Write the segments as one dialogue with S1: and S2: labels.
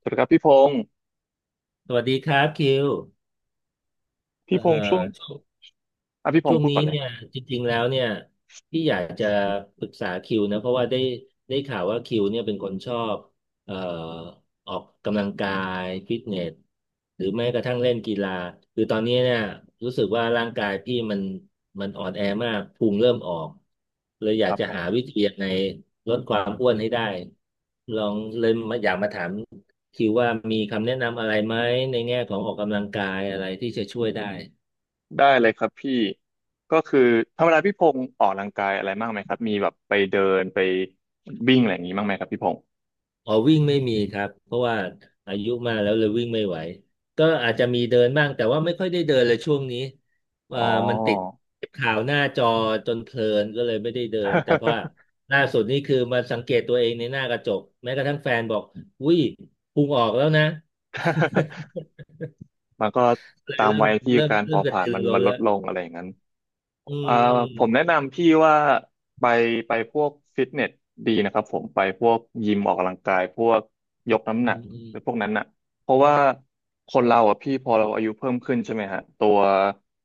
S1: สวัสดีครับพี่พงศ์
S2: สวัสดีครับคิว
S1: พี่
S2: เอ่
S1: พงศ์ช่วง
S2: อ
S1: อ่ะพี่พ
S2: ช่
S1: ง
S2: ว
S1: ศ์
S2: ง
S1: พูด
S2: นี้
S1: ก่อนเลย
S2: เนี่ยจริงๆแล้วเนี่ยพี่อยากจะปรึกษาคิวนะเพราะว่าได้ข่าวว่าคิวเนี่ยเป็นคนชอบเอ่อออกกำลังกายฟิตเนสหรือแม้กระทั่งเล่นกีฬาคือตอนนี้เนี่ยรู้สึกว่าร่างกายพี่มันอ่อนแอมากพุงเริ่มออกเลยอ
S1: ค
S2: ยาก
S1: รับ
S2: จะ
S1: ผ
S2: หาวิ
S1: ม
S2: ธียังไงลดความอ้วนให้ได้ลองเลยมาอยากมาถามคิวว่ามีคำแนะนำอะไรไหมในแง่ของออกกำลังกายอะไรที่จะช่วยได้
S1: ได้เลยครับพี่ก็คือธรรมดาพี่พงศ์ออกกำลังกายอะไรบ้างไหมครับมีแบบไปเดินไปวิ่งอะไรอย่างนี้บ้างไหมครับพี่พงศ์
S2: อ๋อวิ่งไม่มีครับเพราะว่าอายุมากแล้วเลยวิ่งไม่ไหวก็อาจจะมีเดินบ้างแต่ว่าไม่ค่อยได้เดินเลยช่วงนี้อ่า
S1: อ๋อ
S2: มันติดข่าวหน้าจอจนเพลินก็เลยไม่ได้เดินแต่เพราะว่าล่าสุดนี่คือมาสังเกตตัวเองในหน้ากระจกแม้กระทั่งแฟนบอกอุ้ยพุงออกแล้วนะ
S1: มันก็
S2: เลย
S1: ตาม
S2: เริ่ม
S1: วัยที่
S2: เริ่ม
S1: การ
S2: เริ่
S1: เผา
S2: มก
S1: ผ
S2: ระ
S1: ลาญ
S2: ตือ
S1: มัน
S2: รือร้
S1: มัน
S2: น
S1: ล
S2: แล้
S1: ด
S2: ว
S1: ลงอะไรอย่างนั้น
S2: อื
S1: อ่า
S2: ม
S1: ผมแนะนำพี่ว่าไปไปพวกฟิตเนสดีนะครับผมไปพวกยิมออกกำลังกายพวกยกน้ำห
S2: อื
S1: นัก
S2: มอืม
S1: หรือพวกนั้นน่ะเพราะว่าคนเราอ่ะพี่พอเราอายุเพิ่มขึ้นใช่ไหมฮะตัว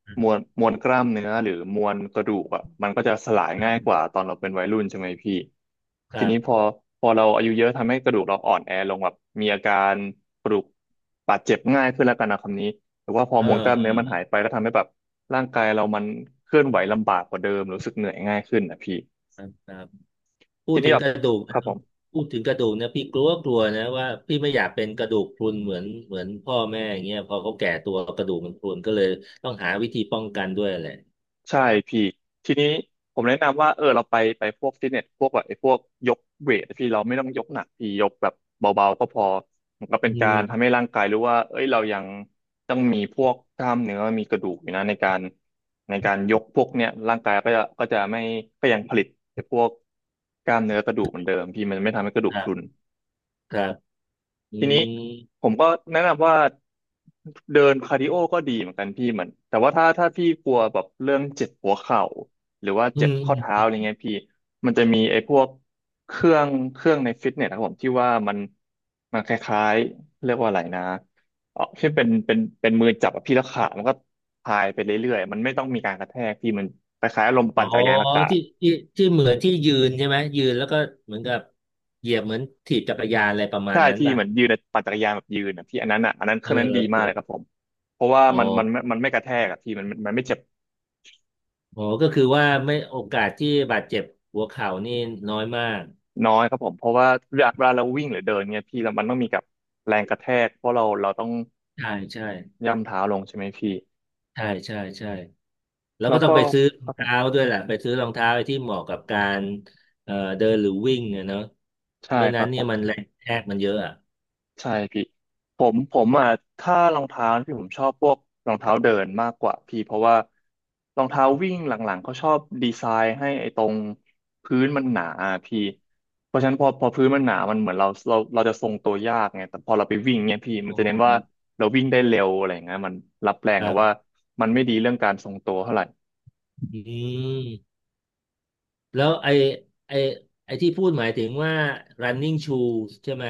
S2: อืม
S1: มวลกล้ามเนื้อหรือมวลกระดูกอ่ะมันก็จะสลาย
S2: ครั
S1: ง่าย
S2: บ
S1: กว่าตอนเราเป็นวัยรุ่นใช่ไหมพี่
S2: ค
S1: ที
S2: รั
S1: นี้พอ
S2: บ
S1: พอเราอายุเยอะทำให้กระดูกเราอ่อนแอลงแบบมีอาการกระดูกบาดเจ็บง่ายขึ้นแล้วกันนะคำนี้หรือว่าพอ
S2: เออ
S1: มวลกล้าม
S2: เอ
S1: เนื้อ
S2: อ
S1: มันหายไปก็ทำให้แบบ ร่างกายเรามันเคลื่อนไหวลำบากกว่าเดิมรู้สึกเหนื่อยง่ายขึ้นนะพี่
S2: ครับครับ พู
S1: ที
S2: ดถึ
S1: นี้
S2: ง
S1: แบ
S2: ก
S1: บ
S2: ระดูก
S1: ค
S2: นะ
S1: รับผม
S2: พูดถึงกระดูกนะพี่กลัวกลัวนะว่าพี่ไม่อยากเป็นกระดูกพรุนเหมือนพ่อแม่อย่างเงี้ยพอเขาแก่ตัวกระดูกมันพรุนก็เลยต้องหาวิธีป้องกันด้วยแหละ
S1: ใช่พี่ทีนี้ผมแนะนำว่าเราไปพวกฟิตเนสพวกแบบไอ้พวกยกเวทพี่เราไม่ต้องยกหนักพี่ยกแบบเบาๆก็พอมันก็เป็น
S2: อื
S1: การทำให้
S2: ม
S1: ร่างกายรู้ว่าเอ้ยเรายังต้องมีพวกกล้ามเนื้อมีกระดูกอยู่นะในการยกพวกเนี้ยร่างกายก็จะไม่ก็ยังผลิตไอ้พวกกล้ามเนื้อกระดูกเหมือนเดิมพี่มันไม่ทำให้กระดู
S2: ค
S1: ก
S2: รั
S1: พรุน
S2: บครับอื
S1: ทีนี้
S2: ม
S1: ผมก็แนะนำว่าเดินคาร์ดิโอก็ดีเหมือนกันพี่เหมือนแต่ว่าถ้าพี่กลัวแบบเรื่องเจ็บหัวเข่าหรือว่า
S2: อื
S1: เจ็บ
S2: ม
S1: ข้อเท้าอะไรเงี้ยพี่มันจะมีไอ้พวกเครื่องในฟิตเนสนะครับผมที่ว่ามันมันคล้ายๆเรียกว่าอะไรนะที่เป็นมือจับอะพี่แล้วขามันก็พายไปเรื่อยๆมันไม่ต้องมีการกระแทกพี่มันคล้ายๆลม
S2: อ๋
S1: ปั่
S2: อ
S1: นจักรยานอากาศ
S2: ที่ที่ที่เหมือนที่ยืนใช่ไหมยืนแล้วก็เหมือนกับเหยียบเหมือนถีบจักรยานอะไรประมาณ
S1: ใช่
S2: นั้น
S1: ที่
S2: ป่ะ
S1: เหมือนยืนอะปั่นจักรยานแบบยืนอะพี่อันนั้นอ่ะอันนั้นเค
S2: เอ
S1: รื่
S2: อ
S1: องนั้นดี
S2: เอ
S1: มา
S2: อ
S1: กเลยครับผมเพราะว่า
S2: อ๋อ
S1: มันไม่กระแทกอ่ะพี่มันไม่เจ็บ
S2: อ๋อก็คือว่าไม่โอกาสที่บาดเจ็บหัวเข่านี่น้อยมาก
S1: น้อยครับผมเพราะว่าเวลาเราวิ่งหรือเดินเนี่ยพี่เรามันต้องมีกับแรงกระแทกเพราะเราต้อง
S2: ใช่ใช่
S1: ย่ำเท้าลงใช่ไหมพี่
S2: ใช่ใช่ใช่ แล้ว
S1: แล้
S2: ก็
S1: ว
S2: ต้อง
S1: ก็
S2: ไปซื้อร
S1: ค
S2: อ
S1: รั
S2: ง
S1: บผ
S2: เท้า
S1: ม
S2: ด้วยแหละไปซื้อรองเท้าไอ้ที่เหมาะกับการเดินหรือวิ่งอะเนาะ
S1: ใช่
S2: ไม่
S1: ค
S2: นั้
S1: รั
S2: น
S1: บผ
S2: เนี่ย
S1: ม
S2: มันแรงกระแทกมันเยอะอ่ะ
S1: ใช่พี่ผมอ่ะถ้ารองเท้าพี่ผมชอบพวกรองเท้าเดินมากกว่าพี่เพราะว่ารองเท้าวิ่งหลังๆเขาชอบดีไซน์ให้ไอ้ตรงพื้นมันหนาอะพี่เพราะฉะนั้นพอพื้นมันหนามันเหมือนเราจะทรงตัวยากไงแต่พอเราไปวิ่งเนี่ยพี่มัน
S2: อ๋อ
S1: จะเน้นว่าเราวิ่งได้เร็วอะไรอย่างเงี้ยมันรับแร
S2: ค
S1: ง
S2: รั
S1: แต่ว่า
S2: บ
S1: มันไม่ดีเรื่องการทรงตัวเท่าไหร่
S2: อืมแล้วไอ้ไอ้ที่พูดหมายถึงว่า running shoes ใช่ไหม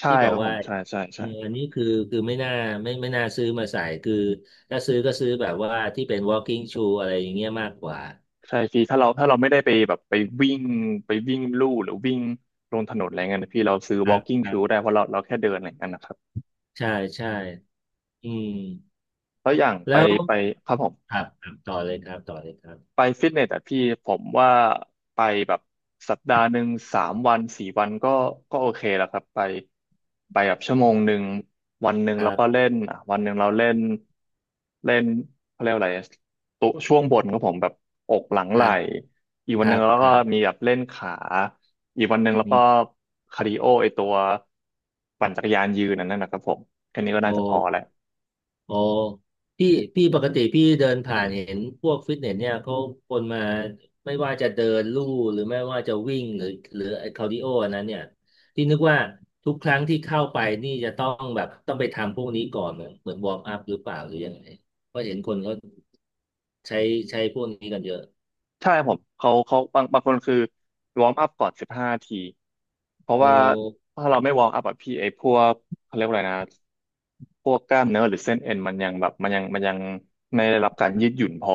S1: ใช่
S2: ที่บอ
S1: ค
S2: ก
S1: รับผ
S2: ว่า
S1: มใช่ใช่
S2: เอ
S1: ใช่
S2: ออันนี้คือคือไม่น่าไม่น่าซื้อมาใส่คือถ้าซื้อก็ซื้อแบบว่าที่เป็น walking shoe อะไรอย่างเงี้ยมากกว่า
S1: ใช่พี่ถ้าเราถ้าเราไม่ได้ไปแบบไปวิ่งวิ่งลู่หรือวิ่งลงถนนอะไรเงี้ยนะพี่เราซื้อ
S2: ครับ
S1: walking
S2: ครั
S1: shoe ได้
S2: บ
S1: เพราะเราเราแค่เดินอะไรเงี้ยนะครับ
S2: ใช่ใช่อืม
S1: แล้วอย่าง
S2: แล้
S1: ไป
S2: ว
S1: ไปครับผม
S2: ครับครับต่อเลยครับต่อเลยครับ
S1: ไปฟิตเนสอ่ะพี่ผมว่าไปแบบสัปดาห์หนึ่งสามวันสี่วันก็ก็โอเคแล้วครับไปแบบชั่วโมงหนึ่งวันหนึ่ง
S2: ครั
S1: แล้วก็
S2: บ
S1: เล่นอ่ะวันหนึ่งเราเล่นเล่นเขาเรียกว่าอะไรอะตัวช่วงบนของผมแบบอกหลัง
S2: ค
S1: ไหล่
S2: รับ
S1: อีก
S2: ค
S1: วันหนึ่
S2: รั
S1: ง
S2: บ
S1: แล้ว
S2: ค
S1: ก็
S2: รั
S1: มี
S2: บ
S1: แบบเล่นขาอีกวันหนึ่งแล้ว
S2: มี
S1: ก็คาร์ดิโอไอตัวปั่นจักรยานยืนอันนั่นนะครับผมแค่นี้ก็น่า
S2: โ
S1: จะพอแล้ว
S2: อโอพี่พี่ปกติพี่เดินผ่านเห็นพวกฟิตเนสเนี่ยเขาคนมาไม่ว่าจะเดินลู่หรือไม่ว่าจะวิ่งหรือหรือไอ้คาร์ดิโออันนั้นเนี่ยที่นึกว่าทุกครั้งที่เข้าไปนี่จะต้องแบบต้องไปทำพวกนี้ก่อนเหมือนเหมือนวอร์มอัพหรือเปล่าหรือยังไงเพราะเห็นคนเขาใช้ใช้พวกนี้กันเยอะ
S1: ใช่ผมเขาบางคนคือวอร์มอัพก่อน15 ทีเพราะ
S2: โ
S1: ว่า
S2: อ
S1: ถ้าเราไม่วอร์มอัพอะพี่ไอ้พวกเขาเรียกว่าอะไรนะพวกกล้ามเนื้อหรือเส้นเอ็นมันยังแบบมันยังมันยังไม่ได้รับการยืดหยุ่นพอ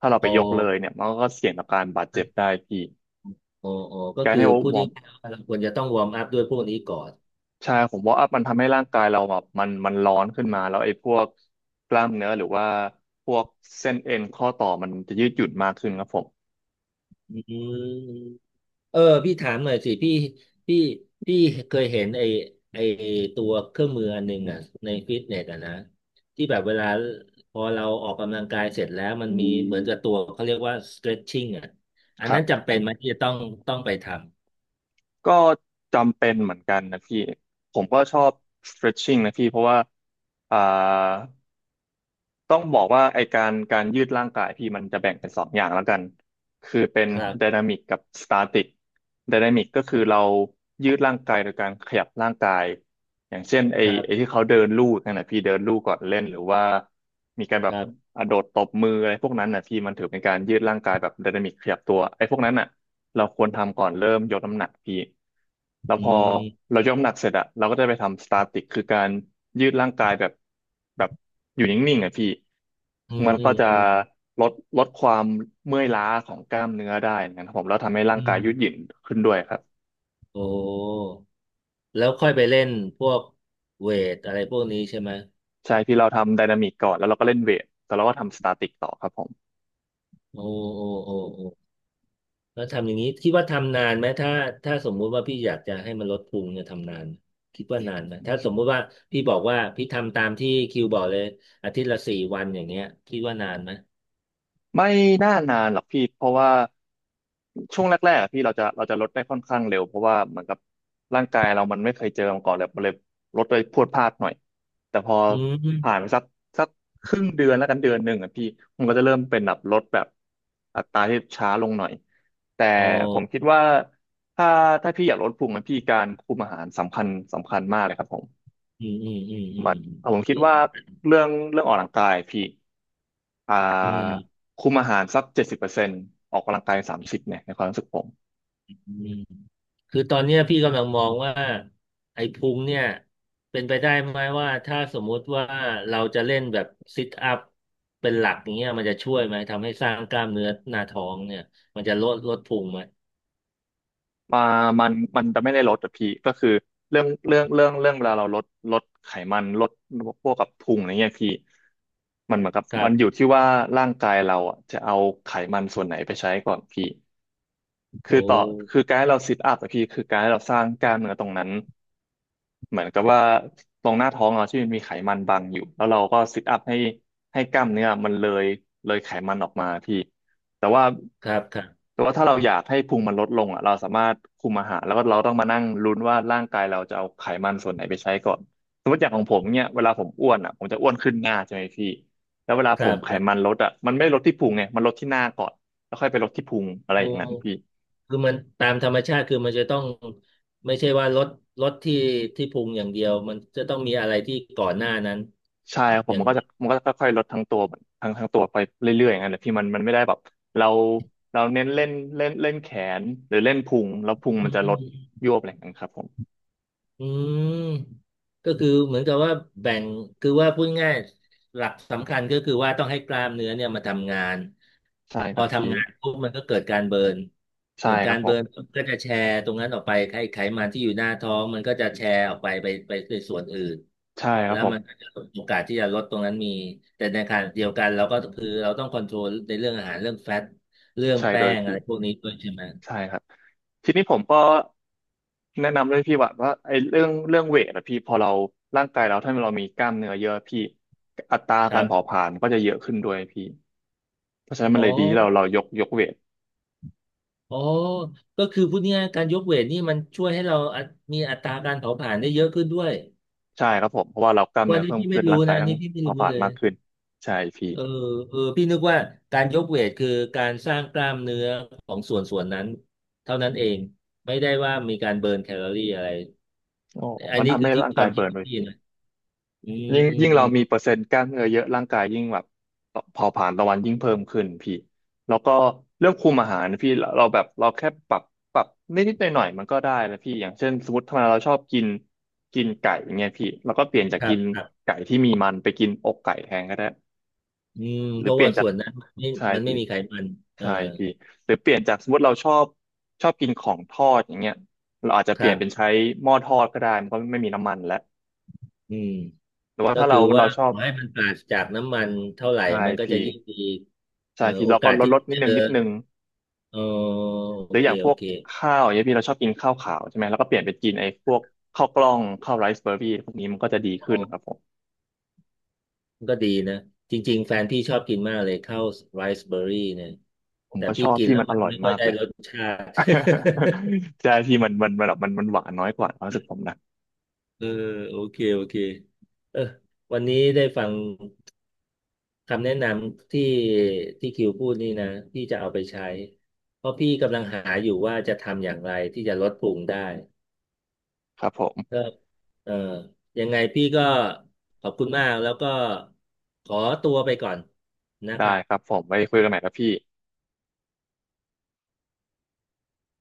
S1: ถ้าเราไป
S2: โอ
S1: ยกเลยเนี่ยมันก็เสี่ยงต่อการบาดเจ็บได้พี่
S2: โอโอก็
S1: การ
S2: คือ
S1: ที่
S2: พูด
S1: วอร์
S2: ง่า
S1: ม
S2: ยๆว่าเราควรจะต้องวอร์มอัพด้วยพวกนี้ก่อน
S1: ใช่ผมวอร์มอัพมันทำให้ร่างกายเราแบบมันร้อนขึ้นมาแล้วไอ้พวกกล้ามเนื้อหรือว่าพวกเส้นเอ็นข้อต่อมันจะยืดหยุ่นมากขึ้นครับผม
S2: อืม เออพี่ถามหน่อยสิพี่พี่พี่เคยเห็นไอตัวเครื่องมืออันหนึ่งอ่ะในฟิตเนสอ่ะนะที่แบบเวลาพอเราออกกำลังกายเสร็จแล้วมันมีเหมือนกับตัวเขาเรียกว่า stretching อ่ะอันนั้นจำเป็นไหมที่จะต้องไปท
S1: ก็จำเป็นเหมือนกันนะพี่ผมก็ชอบ stretching นะพี่เพราะว่าอ่าต้องบอกว่าไอการยืดร่างกายพี่มันจะแบ่งเป็นสองอย่างแล้วกันคือเป็น
S2: ำครับ
S1: ไดนามิกกับสตาติกไดนามิกก็คือเรายืดร่างกายโดยการขยับร่างกายอย่างเช่นไอ
S2: ครั
S1: ไอ
S2: บ
S1: ที่เขาเดินลู่นั่นนะพี่เดินลู่ก่อนเล่นหรือว่ามีการแบ
S2: ค
S1: บ
S2: รับ
S1: อ่ะโดดตบมืออะไรพวกนั้นนะพี่มันถือเป็นการยืดร่างกายแบบไดนามิกขยับตัวไอพวกนั้นน่ะ เราควรทำก่อนเริ่มยกน้ำหนักพี่แล้ว
S2: อื
S1: พอ
S2: ม
S1: เรายกน้ำหนักเสร็จอะเราก็จะไปทำสตาติกคือการยืดร่างกายแบบอยู่นิ่งๆอะพี่
S2: อืม
S1: มัน
S2: อื
S1: ก็
S2: ม
S1: จะ
S2: อืม
S1: ลดลดความเมื่อยล้าของกล้ามเนื้อได้นะครับผมแล้วทำให้ร่าง
S2: อื
S1: กายยืดหยุ่
S2: ม
S1: นขึ้นด้วยครับ
S2: โอ้แล้วค่อยไปเล่นพวกเวทอะไรพวกนี้ใช่ไหม
S1: ใช่พี่เราทำไดนามิกก่อนแล้วเราก็เล่นเวทแต่เราก็ทำสตาติกต่อครับผม
S2: โอ้โอ้โอ้โอ้ แล้วทำอย่างนี้คิดว่าทำนานไหมถ้าถ้าสมมุติว่าพี่อยากจะให้มันลดพุงเนี่ยทำนานไหมคิดว่านานไหมถ้าสมมุติว่าพี่บอกว่าพี่ทำตามที่คิวบอกเลยอาทิตย์ละสี่วันอย่างเงี้ยคิดว่านานไหม
S1: ไม่น่านานหรอกพี่เพราะว่าช่วงแรกๆอะพี่เราจะลดได้ค่อนข้างเร็วเพราะว่าเหมือนกับร่างกายเรามันไม่เคยเจอมาก่อนเลยมันเลยลดไปพรวดพลาดหน่อยแต่พอ
S2: อื
S1: ผ่าน
S2: ม
S1: ไปสักครึ่งเดือนแล้วกันเดือนหนึ่งอ่ะพี่มันก็จะเริ่มเป็นแบบลดแบบอัตราที่ช้าลงหน่อยแต่
S2: โอ
S1: ผมคิด
S2: ้
S1: ว่าถ้าถ้าพี่อยากลดพุงนะพี่การคุมอาหารสำคัญมากเลยครับผม
S2: อืมอืมอืมอื
S1: มันอ่ะผม
S2: ม
S1: คิดว่าเรื่องออกกำลังกายพี่อ่า
S2: อืม
S1: คุมอาหารสัก70%ออกกำลังกาย30เนี่ยในความรู้สึกผม
S2: อืมคือตอนเนี้ยพี่กำลังมองว่าไอ้พุงเนี่ยเป็นไปได้ไหมว่าถ้าสมมุติว่าเราจะเล่นแบบซิทอัพเป็นหลักอย่างเงี้ยมันจะช่วยไหมทำให้สร้างกล้ามเนื้อหน้าท้องเนี่ยมันจะลดลดพุงไหม
S1: มามันจะไม่ได้ลดแต่พี่ก็คือเรื่องเวลาเราลดลดไขมันลดพวกกับพุงอะไรเงี้ยพี่มันเหมือนกับ
S2: ครั
S1: มันอยู่
S2: บ
S1: ที่ว่าร่างกายเราอ่ะจะเอาไขมันส่วนไหนไปใช้ก่อนพี่คือ
S2: โอ้
S1: ต่อคือการให้เราซิทอัพอะพี่คือการให้เราสร้างกล้ามเนื้อตรงนั้น เหมือนกับว่าตรงหน้าท้องเราที่มันมีไขมันบังอยู่แล้วเราก็ซิทอัพให้กล้ามเนื้อมันเลยไขมันออกมาพี่แต่ว่า
S2: ครับครับ
S1: ถ้าเราอยากให้พุงมันลดลงอ่ะเราสามารถคุมอาหารแล้วก็เราต้องมานั่งลุ้นว่าร่างกายเราจะเอาไขมันส่วนไหนไปใช้ก่อนสมมติอย่างของผมเนี่ยเวลาผมอ้วนอ่ะผมจะอ้วนขึ้นหน้าใช่ไหมพี่แล้วเวลา
S2: ค
S1: ผ
S2: รั
S1: ม
S2: บ
S1: ไข
S2: ครั
S1: มัน
S2: บ
S1: ลดอ่ะมันไม่ลดที่พุงไงมันลดที่หน้าก่อนแล้วค่อยไปลดที่พุงอะไร
S2: โอ้
S1: อย่างนั้นพี่
S2: คือมันตามธรรมชาติคือมันจะต้องไม่ใช่ว่ารถลดที่พุงอย่างเดียวมันจะต้องมีอะไรที่ก่อนหน้านั้น
S1: ใช่ครับผ
S2: อ
S1: ม
S2: ย่า
S1: มั
S2: ง
S1: นก็จะมันก็จะค่อยๆลดทั้งตัวทั้งตัวไปเรื่อยๆอย่างนั้นแหละพี่มันไม่ได้แบบเราเราเน้นเล่นเล่นเล่นแขนหรือเล่นพุงแล้วพุง
S2: อื
S1: มันจะลด
S2: ม
S1: ยวบอะไรอย่างนั้นครับผม
S2: อืมก็คือเหมือนกับว่าแบ่งคือว่าพูดง่ายหลักสำคัญก็คือว่าต้องให้กล้ามเนื้อเนี่ยมาทำงาน
S1: ใช่
S2: พ
S1: ค
S2: อ
S1: รับพี่
S2: ทำงานปุ๊บมันก็เกิดการเบิร์น
S1: ใช่
S2: เกิด
S1: ค
S2: กา
S1: รับ
S2: ร
S1: ผ
S2: เบิ
S1: ม
S2: ร์นก็จะแชร์ตรงนั้นออกไปไขมันที่อยู่หน้าท้องมันก็จะแชร์ออกไปในส่วนอื่น
S1: ใช่ครั
S2: แล้
S1: บ
S2: ว
S1: ผ
S2: มันก็
S1: ม
S2: จะโอกาสที่จะลดตรงนั้นมีแต่ในขณะเดียวกันเราก็คือเราต้องคอนโทรลในเรื่องอาหารเรื่องแฟตเรื่อง
S1: ใช่
S2: แป้
S1: โดย
S2: งอะ
S1: พี่
S2: ไรพวกนี้ด้วยใช่ไหม
S1: ใช่ครับทีนี้ผมก็แนะนำเลยพี่ว่าไอ้เรื่องเวทอะพี่พอเราร่างกายเราถ้าเรามีกล้ามเนื้อเยอะพี่อัตรา
S2: ค
S1: กา
S2: รั
S1: รเผา
S2: บ
S1: ผลาญก็จะเยอะขึ้นด้วยพี่เพราะฉะนั้นมั
S2: อ๋
S1: นเลยดีที่เรา
S2: อ
S1: เรายกเวท
S2: อ๋อก็คือพูดง่ายๆการยกเวทนี่มันช่วยให้เราอัตมีอัตราการเผาผลาญได้เยอะขึ้นด้วย
S1: ใช่ครับผมเพราะว่าเรากล้าม
S2: วั
S1: เนื้
S2: น
S1: อ
S2: นี้
S1: เพิ่ม
S2: พี่ไม่
S1: ขึ้นร่า
S2: รู้
S1: งกา
S2: นะ
S1: ย
S2: อัน
S1: ต้อง
S2: นี้พี่ไม่
S1: เผาผ
S2: รู้
S1: ลา
S2: เล
S1: ญ
S2: ย
S1: มากขึ้นใช่พี่
S2: เออเออพี่นึกว่าการยกเวทคือการสร้างกล้ามเนื้อของส่วนนั้นเท่านั้นเองไม่ได้ว่ามีการเบิร์นแคลอรี่อะไร
S1: โอ้
S2: อัน
S1: มัน
S2: นี้
S1: ทำ
S2: คือ
S1: ให้
S2: ที่
S1: ร่าง
S2: ค
S1: กาย
S2: วามคิ
S1: เบิ
S2: ด
S1: ร์นไป
S2: พี่
S1: พี่
S2: นะอืม
S1: ยิ่ง
S2: อืม
S1: ยิ่ง
S2: อื
S1: เรา
S2: ม
S1: มีเปอร์เซ็นต์กล้ามเนื้อเยอะร่างกายยิ่งแบบเผาผลาญต่อวันยิ่งเพิ่มขึ้นพี่แล้วก็เรื่องคุมอาหารพี่เราแบบเราแค่ปรับนิดหน่อยมันก็ได้แล้วพี่อย่างเช่นสมมติทำไมเราชอบกินกินไก่อย่างเงี้ยพี่เราก็เปลี่ยนจาก
S2: ครั
S1: กิ
S2: บ
S1: น
S2: ครับ
S1: ไก่ที่มีมันไปกินอกไก่แทนก็ได้
S2: อืม
S1: ห
S2: เพ
S1: รือ
S2: ราะ
S1: เปลี่ย
S2: ว่า
S1: นจา
S2: ส่
S1: ก
S2: วนนั้นมันไม่
S1: ใช่
S2: มันไม่
S1: พี่
S2: มีไขมันเออ
S1: ใช่พี่หรือเปลี่ยนจากสมมติเราชอบกินของทอดอย่างเงี้ยเราอาจจะ
S2: ค
S1: เปลี่
S2: รั
S1: ยน
S2: บ
S1: เป็นใช้หม้อทอดก็ได้มันก็ไม่มีน้ำมันแล้ว
S2: อืม
S1: หรือว่า
S2: ก็
S1: ถ้า
S2: คื
S1: เรา
S2: อว่า
S1: เราชอ
S2: ข
S1: บ
S2: อให้มันปราศจากน้ำมันเท่าไหร่
S1: ใช่
S2: มันก็
S1: พี่
S2: จะยิ่งดี
S1: ใช่พี่
S2: โอ
S1: เรา
S2: กา
S1: ก็
S2: ส
S1: ลด
S2: ที่
S1: นิ
S2: จะ
S1: ดนึ
S2: เจ
S1: ง
S2: อ
S1: นิดนึง
S2: เออ
S1: ห
S2: โอ
S1: รืออ
S2: เค
S1: ย่างพ
S2: โอ
S1: วก
S2: เค
S1: ข้าวอย่างเงี้ยพี่เราชอบกินข้าวขาวใช่ไหมแล้วก็เปลี่ยนไปกินไอ้พวกข้าวกล้องข้าวไรซ์เบอร์รี่พวกนี้มันก็จะดี
S2: อ๋
S1: ขึ้
S2: อ
S1: นครับผม
S2: มันก็ดีนะจริงๆแฟนพี่ชอบกินมากเลยข้าวไรซ์เบอร์รี่เนี่ย
S1: ผม
S2: แต่
S1: ก็ช
S2: พี่
S1: อบ
S2: กิน
S1: พี่
S2: แล้ว
S1: มันอ
S2: มัน
S1: ร่อย
S2: ไม่ค่อ
S1: มา
S2: ย
S1: ก
S2: ได้
S1: เลย
S2: รสชาติ
S1: ใช่พี่มันแบบมันหวานน้อยกว่าความรู้สึกผมนะ
S2: เออโอเคโอเคเออวันนี้ได้ฟังคำแนะนำที่คิวพูดนี่นะพี่จะเอาไปใช้เพราะพี่กำลังหาอยู่ว่าจะทำอย่างไรที่จะลดพุงได้
S1: ครับผม
S2: ครับเอ่อยังไงพี่ก็ขอบคุณมาก แล้วก็ขอตัวไปก่อนนะค
S1: ได้
S2: รั
S1: ค
S2: บ
S1: รับผมไว้คุยกันใหม่ครับพี่